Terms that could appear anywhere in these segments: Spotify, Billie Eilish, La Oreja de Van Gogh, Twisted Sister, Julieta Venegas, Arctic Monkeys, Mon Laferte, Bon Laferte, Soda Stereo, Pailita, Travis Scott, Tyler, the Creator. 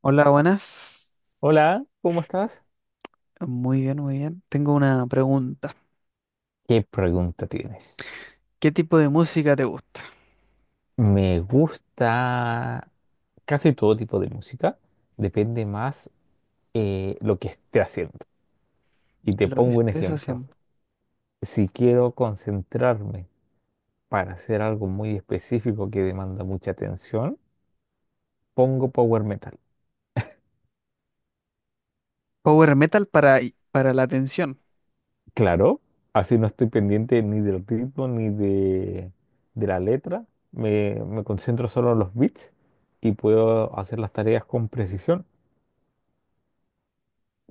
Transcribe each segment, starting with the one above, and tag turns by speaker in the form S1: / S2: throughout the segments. S1: Hola, buenas.
S2: Hola, ¿cómo estás?
S1: Muy bien, muy bien. Tengo una pregunta.
S2: ¿Qué pregunta tienes?
S1: ¿Qué tipo de música te gusta?
S2: Me gusta casi todo tipo de música, depende más lo que esté haciendo. Y te
S1: Lo que
S2: pongo un
S1: estés
S2: ejemplo.
S1: haciendo.
S2: Si quiero concentrarme para hacer algo muy específico que demanda mucha atención, pongo power metal.
S1: Power metal para la atención.
S2: Claro, así no estoy pendiente ni del ritmo ni de la letra. Me concentro solo en los beats y puedo hacer las tareas con precisión.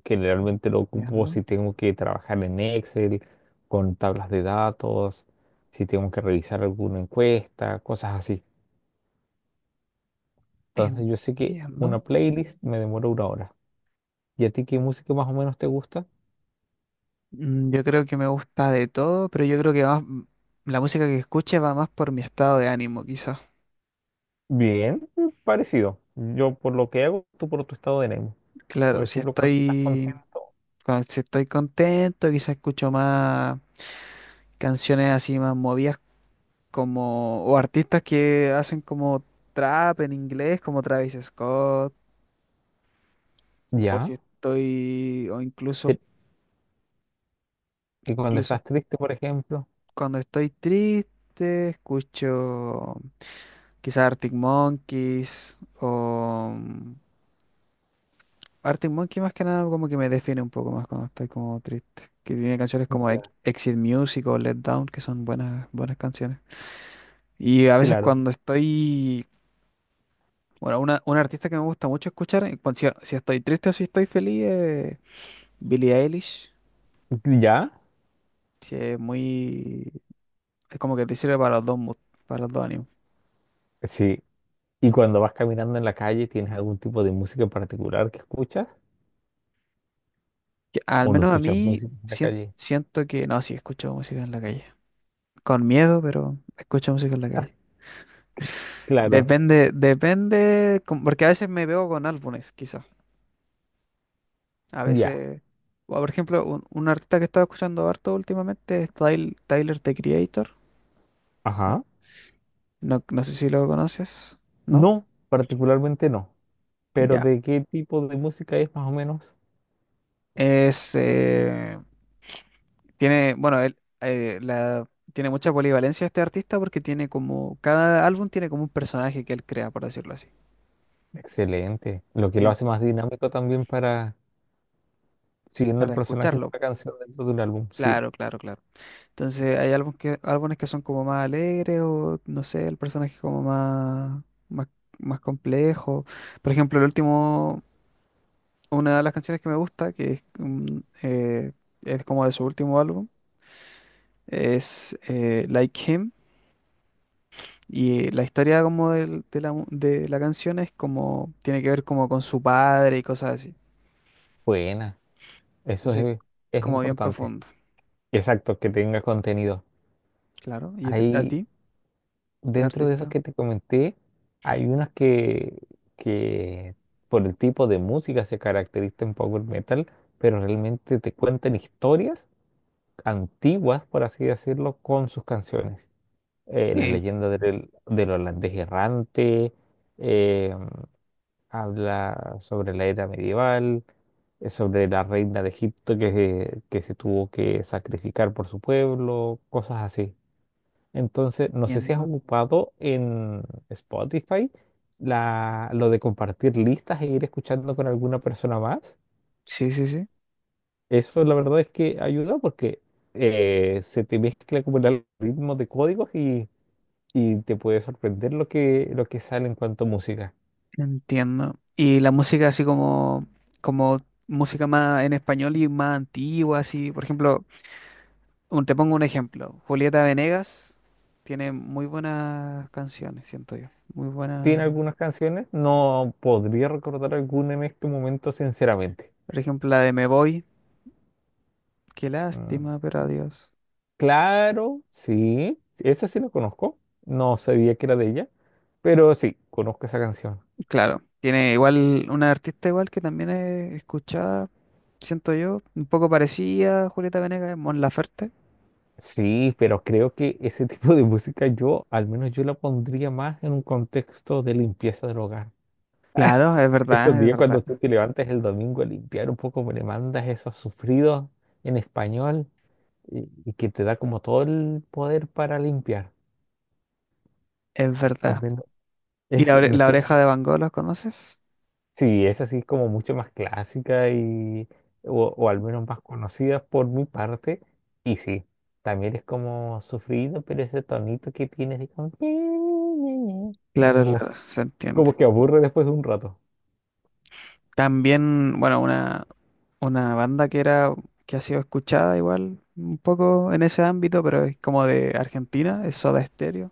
S2: Que realmente lo ocupo
S1: Entiendo.
S2: si tengo que trabajar en Excel, con tablas de datos, si tengo que revisar alguna encuesta, cosas así. Entonces yo sé que una
S1: Entiendo.
S2: playlist me demora una hora. ¿Y a ti qué música más o menos te gusta?
S1: Yo creo que me gusta de todo, pero yo creo que la música que escuche va más por mi estado de ánimo, quizás.
S2: Bien, mm, parecido. Yo por lo que hago, tú por tu estado de ánimo. Por
S1: Claro, si
S2: ejemplo, cuando estás
S1: estoy,
S2: contento.
S1: si estoy contento, quizás escucho más canciones así más movidas como, o artistas que hacen como trap en inglés, como Travis Scott, o
S2: Ya.
S1: si estoy, o incluso,
S2: Te- Y cuando
S1: incluso
S2: estás triste, por ejemplo.
S1: cuando estoy triste, escucho quizás Arctic Monkeys, o Arctic Monkey más que nada como que me define un poco más cuando estoy como triste, que tiene canciones como
S2: Ya.
S1: Exit Music o Let Down, que son buenas, buenas canciones. Y a veces
S2: Claro.
S1: cuando estoy... Bueno, una artista que me gusta mucho escuchar, en si, si estoy triste o si estoy feliz, es Billie Eilish.
S2: ¿Ya?
S1: Sí, es muy... Es como que te sirve para los dos moods, para los dos ánimos.
S2: Sí. ¿Y cuando vas caminando en la calle, tienes algún tipo de música en particular que escuchas?
S1: Que al
S2: O no
S1: menos a
S2: escuchas
S1: mí
S2: música en la calle.
S1: siento que... No, sí, escucho música en la calle. Con miedo, pero escucho música en la
S2: Ah,
S1: calle.
S2: claro,
S1: Depende, depende... Porque a veces me veo con álbumes, quizás. A
S2: ya.
S1: veces... o, por ejemplo, un artista que estaba escuchando harto últimamente es Tyler, the Creator. No,
S2: Ajá.
S1: no sé si lo conoces, ¿no?
S2: No, particularmente no. Pero
S1: Ya.
S2: ¿de qué tipo de música es más o menos?
S1: Es, tiene, bueno, tiene mucha polivalencia este artista porque tiene como, cada álbum tiene como un personaje que él crea, por decirlo así,
S2: Excelente. Lo que lo
S1: en-
S2: hace más dinámico también para siguiendo el
S1: para
S2: personaje de
S1: escucharlo.
S2: una canción dentro de un álbum. Sí,
S1: Claro, claro, claro. Entonces hay álbumes que son como más alegres o, no sé, el personaje como más, más, más complejo. Por ejemplo, el último, una de las canciones que me gusta, que es, es como de su último álbum, es Like Him. Y la historia como de la canción es como, tiene que ver como con su padre y cosas así.
S2: buena. Eso
S1: Entonces, es
S2: es
S1: como bien
S2: importante.
S1: profundo,
S2: Exacto, que tenga contenido.
S1: claro. ¿Y a
S2: Ahí,
S1: ti? ¿Qué
S2: dentro de esos
S1: artista?
S2: que te comenté, hay unas que por el tipo de música se caracterizan en power metal, pero realmente te cuentan historias antiguas, por así decirlo, con sus canciones. Las
S1: Sí,
S2: leyendas del holandés errante, eh, habla sobre la era medieval, sobre la reina de Egipto que, que se tuvo que sacrificar por su pueblo, cosas así. Entonces, no sé si has
S1: entiendo.
S2: ocupado en Spotify lo de compartir listas e ir escuchando con alguna persona más.
S1: Sí, sí, sí,
S2: Eso la verdad es que ayuda porque se te mezcla como el algoritmo de códigos y te puede sorprender lo lo que sale en cuanto a música.
S1: entiendo. Y la música así como, como música más en español y más antigua, así. Por ejemplo, te pongo un ejemplo. Julieta Venegas tiene muy buenas canciones, siento yo. Muy
S2: Tiene
S1: buena.
S2: algunas canciones, no podría recordar alguna en este momento, sinceramente.
S1: Por ejemplo, la de Me Voy. Qué
S2: Mm,
S1: lástima, pero adiós.
S2: claro, sí, esa sí la conozco, no sabía que era de ella, pero sí, conozco esa canción.
S1: Claro, tiene igual una artista igual que también es escuchada, siento yo, un poco parecida a Julieta Venegas, es Mon Laferte.
S2: Sí, pero creo que ese tipo de música yo, al menos yo la pondría más en un contexto de limpieza del hogar.
S1: Claro, es
S2: Esos
S1: verdad, es
S2: días
S1: verdad,
S2: cuando tú te levantas el domingo a limpiar un poco, me le mandas esos sufridos en español y que te da como todo el poder para limpiar.
S1: es
S2: Al
S1: verdad.
S2: menos
S1: ¿Y
S2: es, me
S1: la
S2: suena-
S1: oreja de Van Gogh, la conoces?
S2: sí, es así como mucho más clásica o al menos más conocida por mi parte. Y sí, también es como sufrido, pero ese tonito que tienes de como...
S1: Claro,
S2: No,
S1: claro, se entiende.
S2: como que aburre después de un rato.
S1: También, bueno, una banda que era, que ha sido escuchada igual, un poco en ese ámbito, pero es como de Argentina, es Soda Stereo.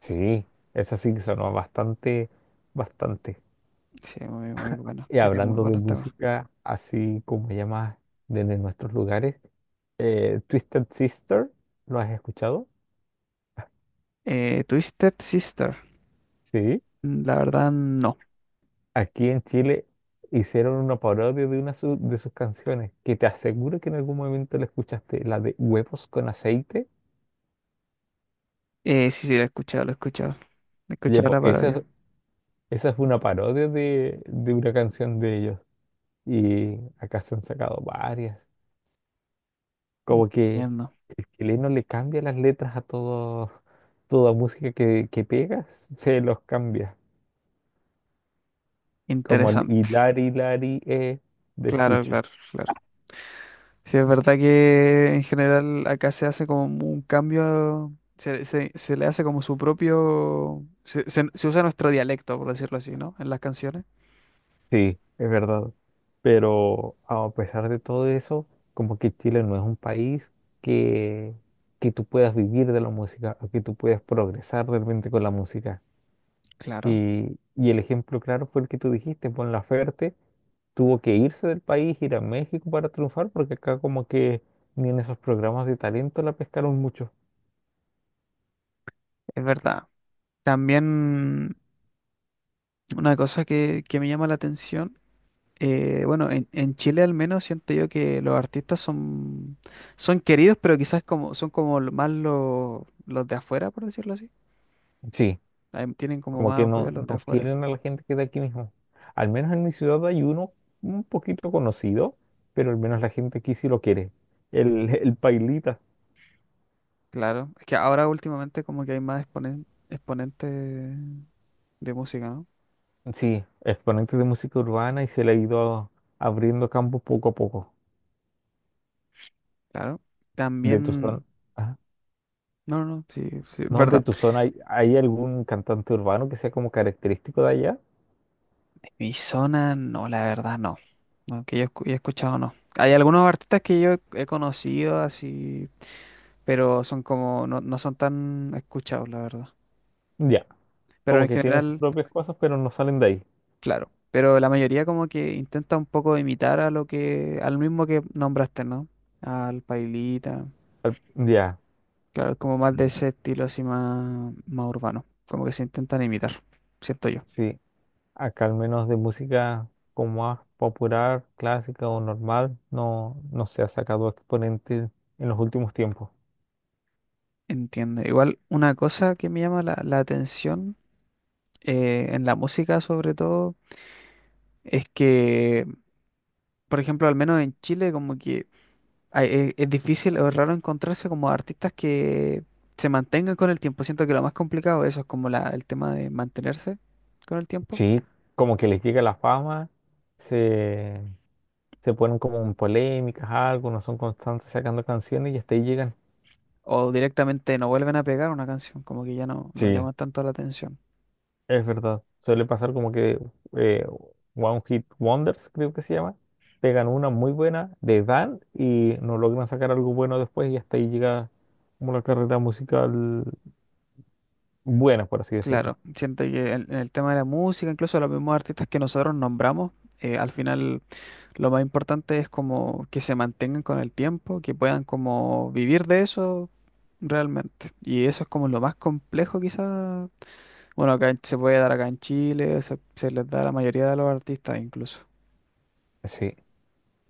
S2: Sí, eso sí que sonó bastante, bastante.
S1: Sí, muy, muy bueno,
S2: Y
S1: tiene muy
S2: hablando de
S1: buenos temas.
S2: música, así como llamas desde nuestros lugares, Twisted Sister, ¿lo has escuchado?
S1: Twisted Sister,
S2: Sí.
S1: la verdad no.
S2: Aquí en Chile hicieron una parodia de una de sus canciones, que te aseguro que en algún momento la escuchaste, la de Huevos con aceite.
S1: Sí, sí, lo he escuchado, lo he escuchado. He
S2: Oye,
S1: escuchado
S2: po,
S1: la
S2: esa,
S1: parodia.
S2: esa es una parodia de una canción de ellos. Y acá se han sacado varias. Como que
S1: Entiendo.
S2: el chileno le cambia las letras a todo, toda música que pega, se los cambia. Como el
S1: Interesante.
S2: hilari, lari, de
S1: Claro,
S2: chucha.
S1: claro, claro. Sí, es verdad que en general acá se hace como un cambio, se, se le hace como su propio, se, se usa nuestro dialecto, por decirlo así, ¿no? En las canciones.
S2: Sí, es verdad. Pero a pesar de todo eso, como que Chile no es un país que, que tú puedas vivir de la música o que tú puedas progresar realmente con la música.
S1: Claro,
S2: Y el ejemplo claro fue el que tú dijiste, Bon Laferte tuvo que irse del país, ir a México para triunfar, porque acá como que ni en esos programas de talento la pescaron mucho.
S1: es verdad. También una cosa que me llama la atención. Bueno, en Chile al menos siento yo que los artistas son, son queridos, pero quizás como, son como más los de afuera, por decirlo así.
S2: Sí.
S1: Ahí tienen como
S2: Como
S1: más
S2: que no,
S1: apoyo los de
S2: no
S1: afuera.
S2: quieren a la gente que es de aquí mismo. Al menos en mi ciudad hay uno un poquito conocido, pero al menos la gente aquí sí lo quiere. El, el Pailita.
S1: Claro, es que ahora últimamente como que hay más exponentes de música, ¿no?
S2: Sí, exponente de música urbana y se le ha ido abriendo campo poco a poco.
S1: Claro.
S2: De tu zona.
S1: También,
S2: Ah,
S1: no, no, sí, sí, es
S2: no, de
S1: verdad.
S2: tu zona, ¿hay, hay algún cantante urbano que sea como característico de allá?
S1: Mi zona, no, la verdad, no. No, que yo he escuchado, no. Hay algunos artistas que yo he conocido así, pero son como, no, no son tan escuchados, la verdad.
S2: Ya,
S1: Pero
S2: como
S1: en
S2: que tiene sus
S1: general,
S2: propias cosas, pero no salen de ahí.
S1: claro. Pero la mayoría como que intenta un poco imitar a lo que, al mismo que nombraste, ¿no? Al Pailita.
S2: Ya,
S1: Claro, como más de
S2: sí,
S1: ese estilo así más, más urbano. Como que se intentan imitar, ¿siento yo?
S2: sí. Acá al menos de música como más popular, clásica o normal, no, no se ha sacado exponente en los últimos tiempos.
S1: Entiendo. Igual una cosa que me llama la, la atención en la música sobre todo es que, por ejemplo, al menos en Chile como que... es difícil o raro encontrarse como artistas que se mantengan con el tiempo. Siento que lo más complicado eso es como el tema de mantenerse con el tiempo.
S2: Sí, como que les llega la fama, se, se ponen como en polémicas, algo, no son constantes sacando canciones y hasta ahí llegan.
S1: O directamente no vuelven a pegar una canción, como que ya no, no
S2: Sí,
S1: llama tanto la atención.
S2: es verdad, suele pasar como que eh, One Hit Wonders, creo que se llama, pegan una muy buena de Dan y no logran sacar algo bueno después y hasta ahí llega como la carrera musical buena, por así decirlo.
S1: Claro, siento que en el tema de la música, incluso los mismos artistas que nosotros nombramos, al final lo más importante es como que se mantengan con el tiempo, que puedan como vivir de eso realmente. Y eso es como lo más complejo quizás. Bueno, acá se puede dar acá en Chile, se- les da a la mayoría de los artistas incluso.
S2: Sí,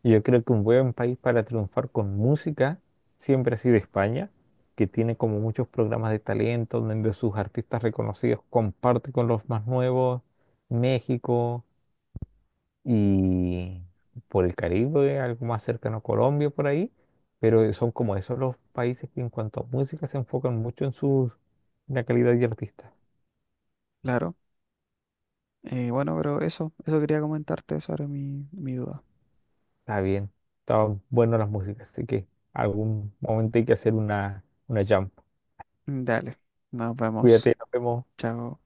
S2: yo creo que un buen país para triunfar con música siempre ha sido España, que tiene como muchos programas de talento donde sus artistas reconocidos comparte con los más nuevos, México y por el Caribe, algo más cercano a Colombia por ahí, pero son como esos los países que en cuanto a música se enfocan mucho en su la calidad de artista.
S1: Claro. Bueno, pero eso quería comentarte sobre mi, mi duda.
S2: Está bien, están buenas las músicas, así que algún momento hay que hacer una jam.
S1: Dale, nos vemos.
S2: Cuídate, nos vemos.
S1: Chao.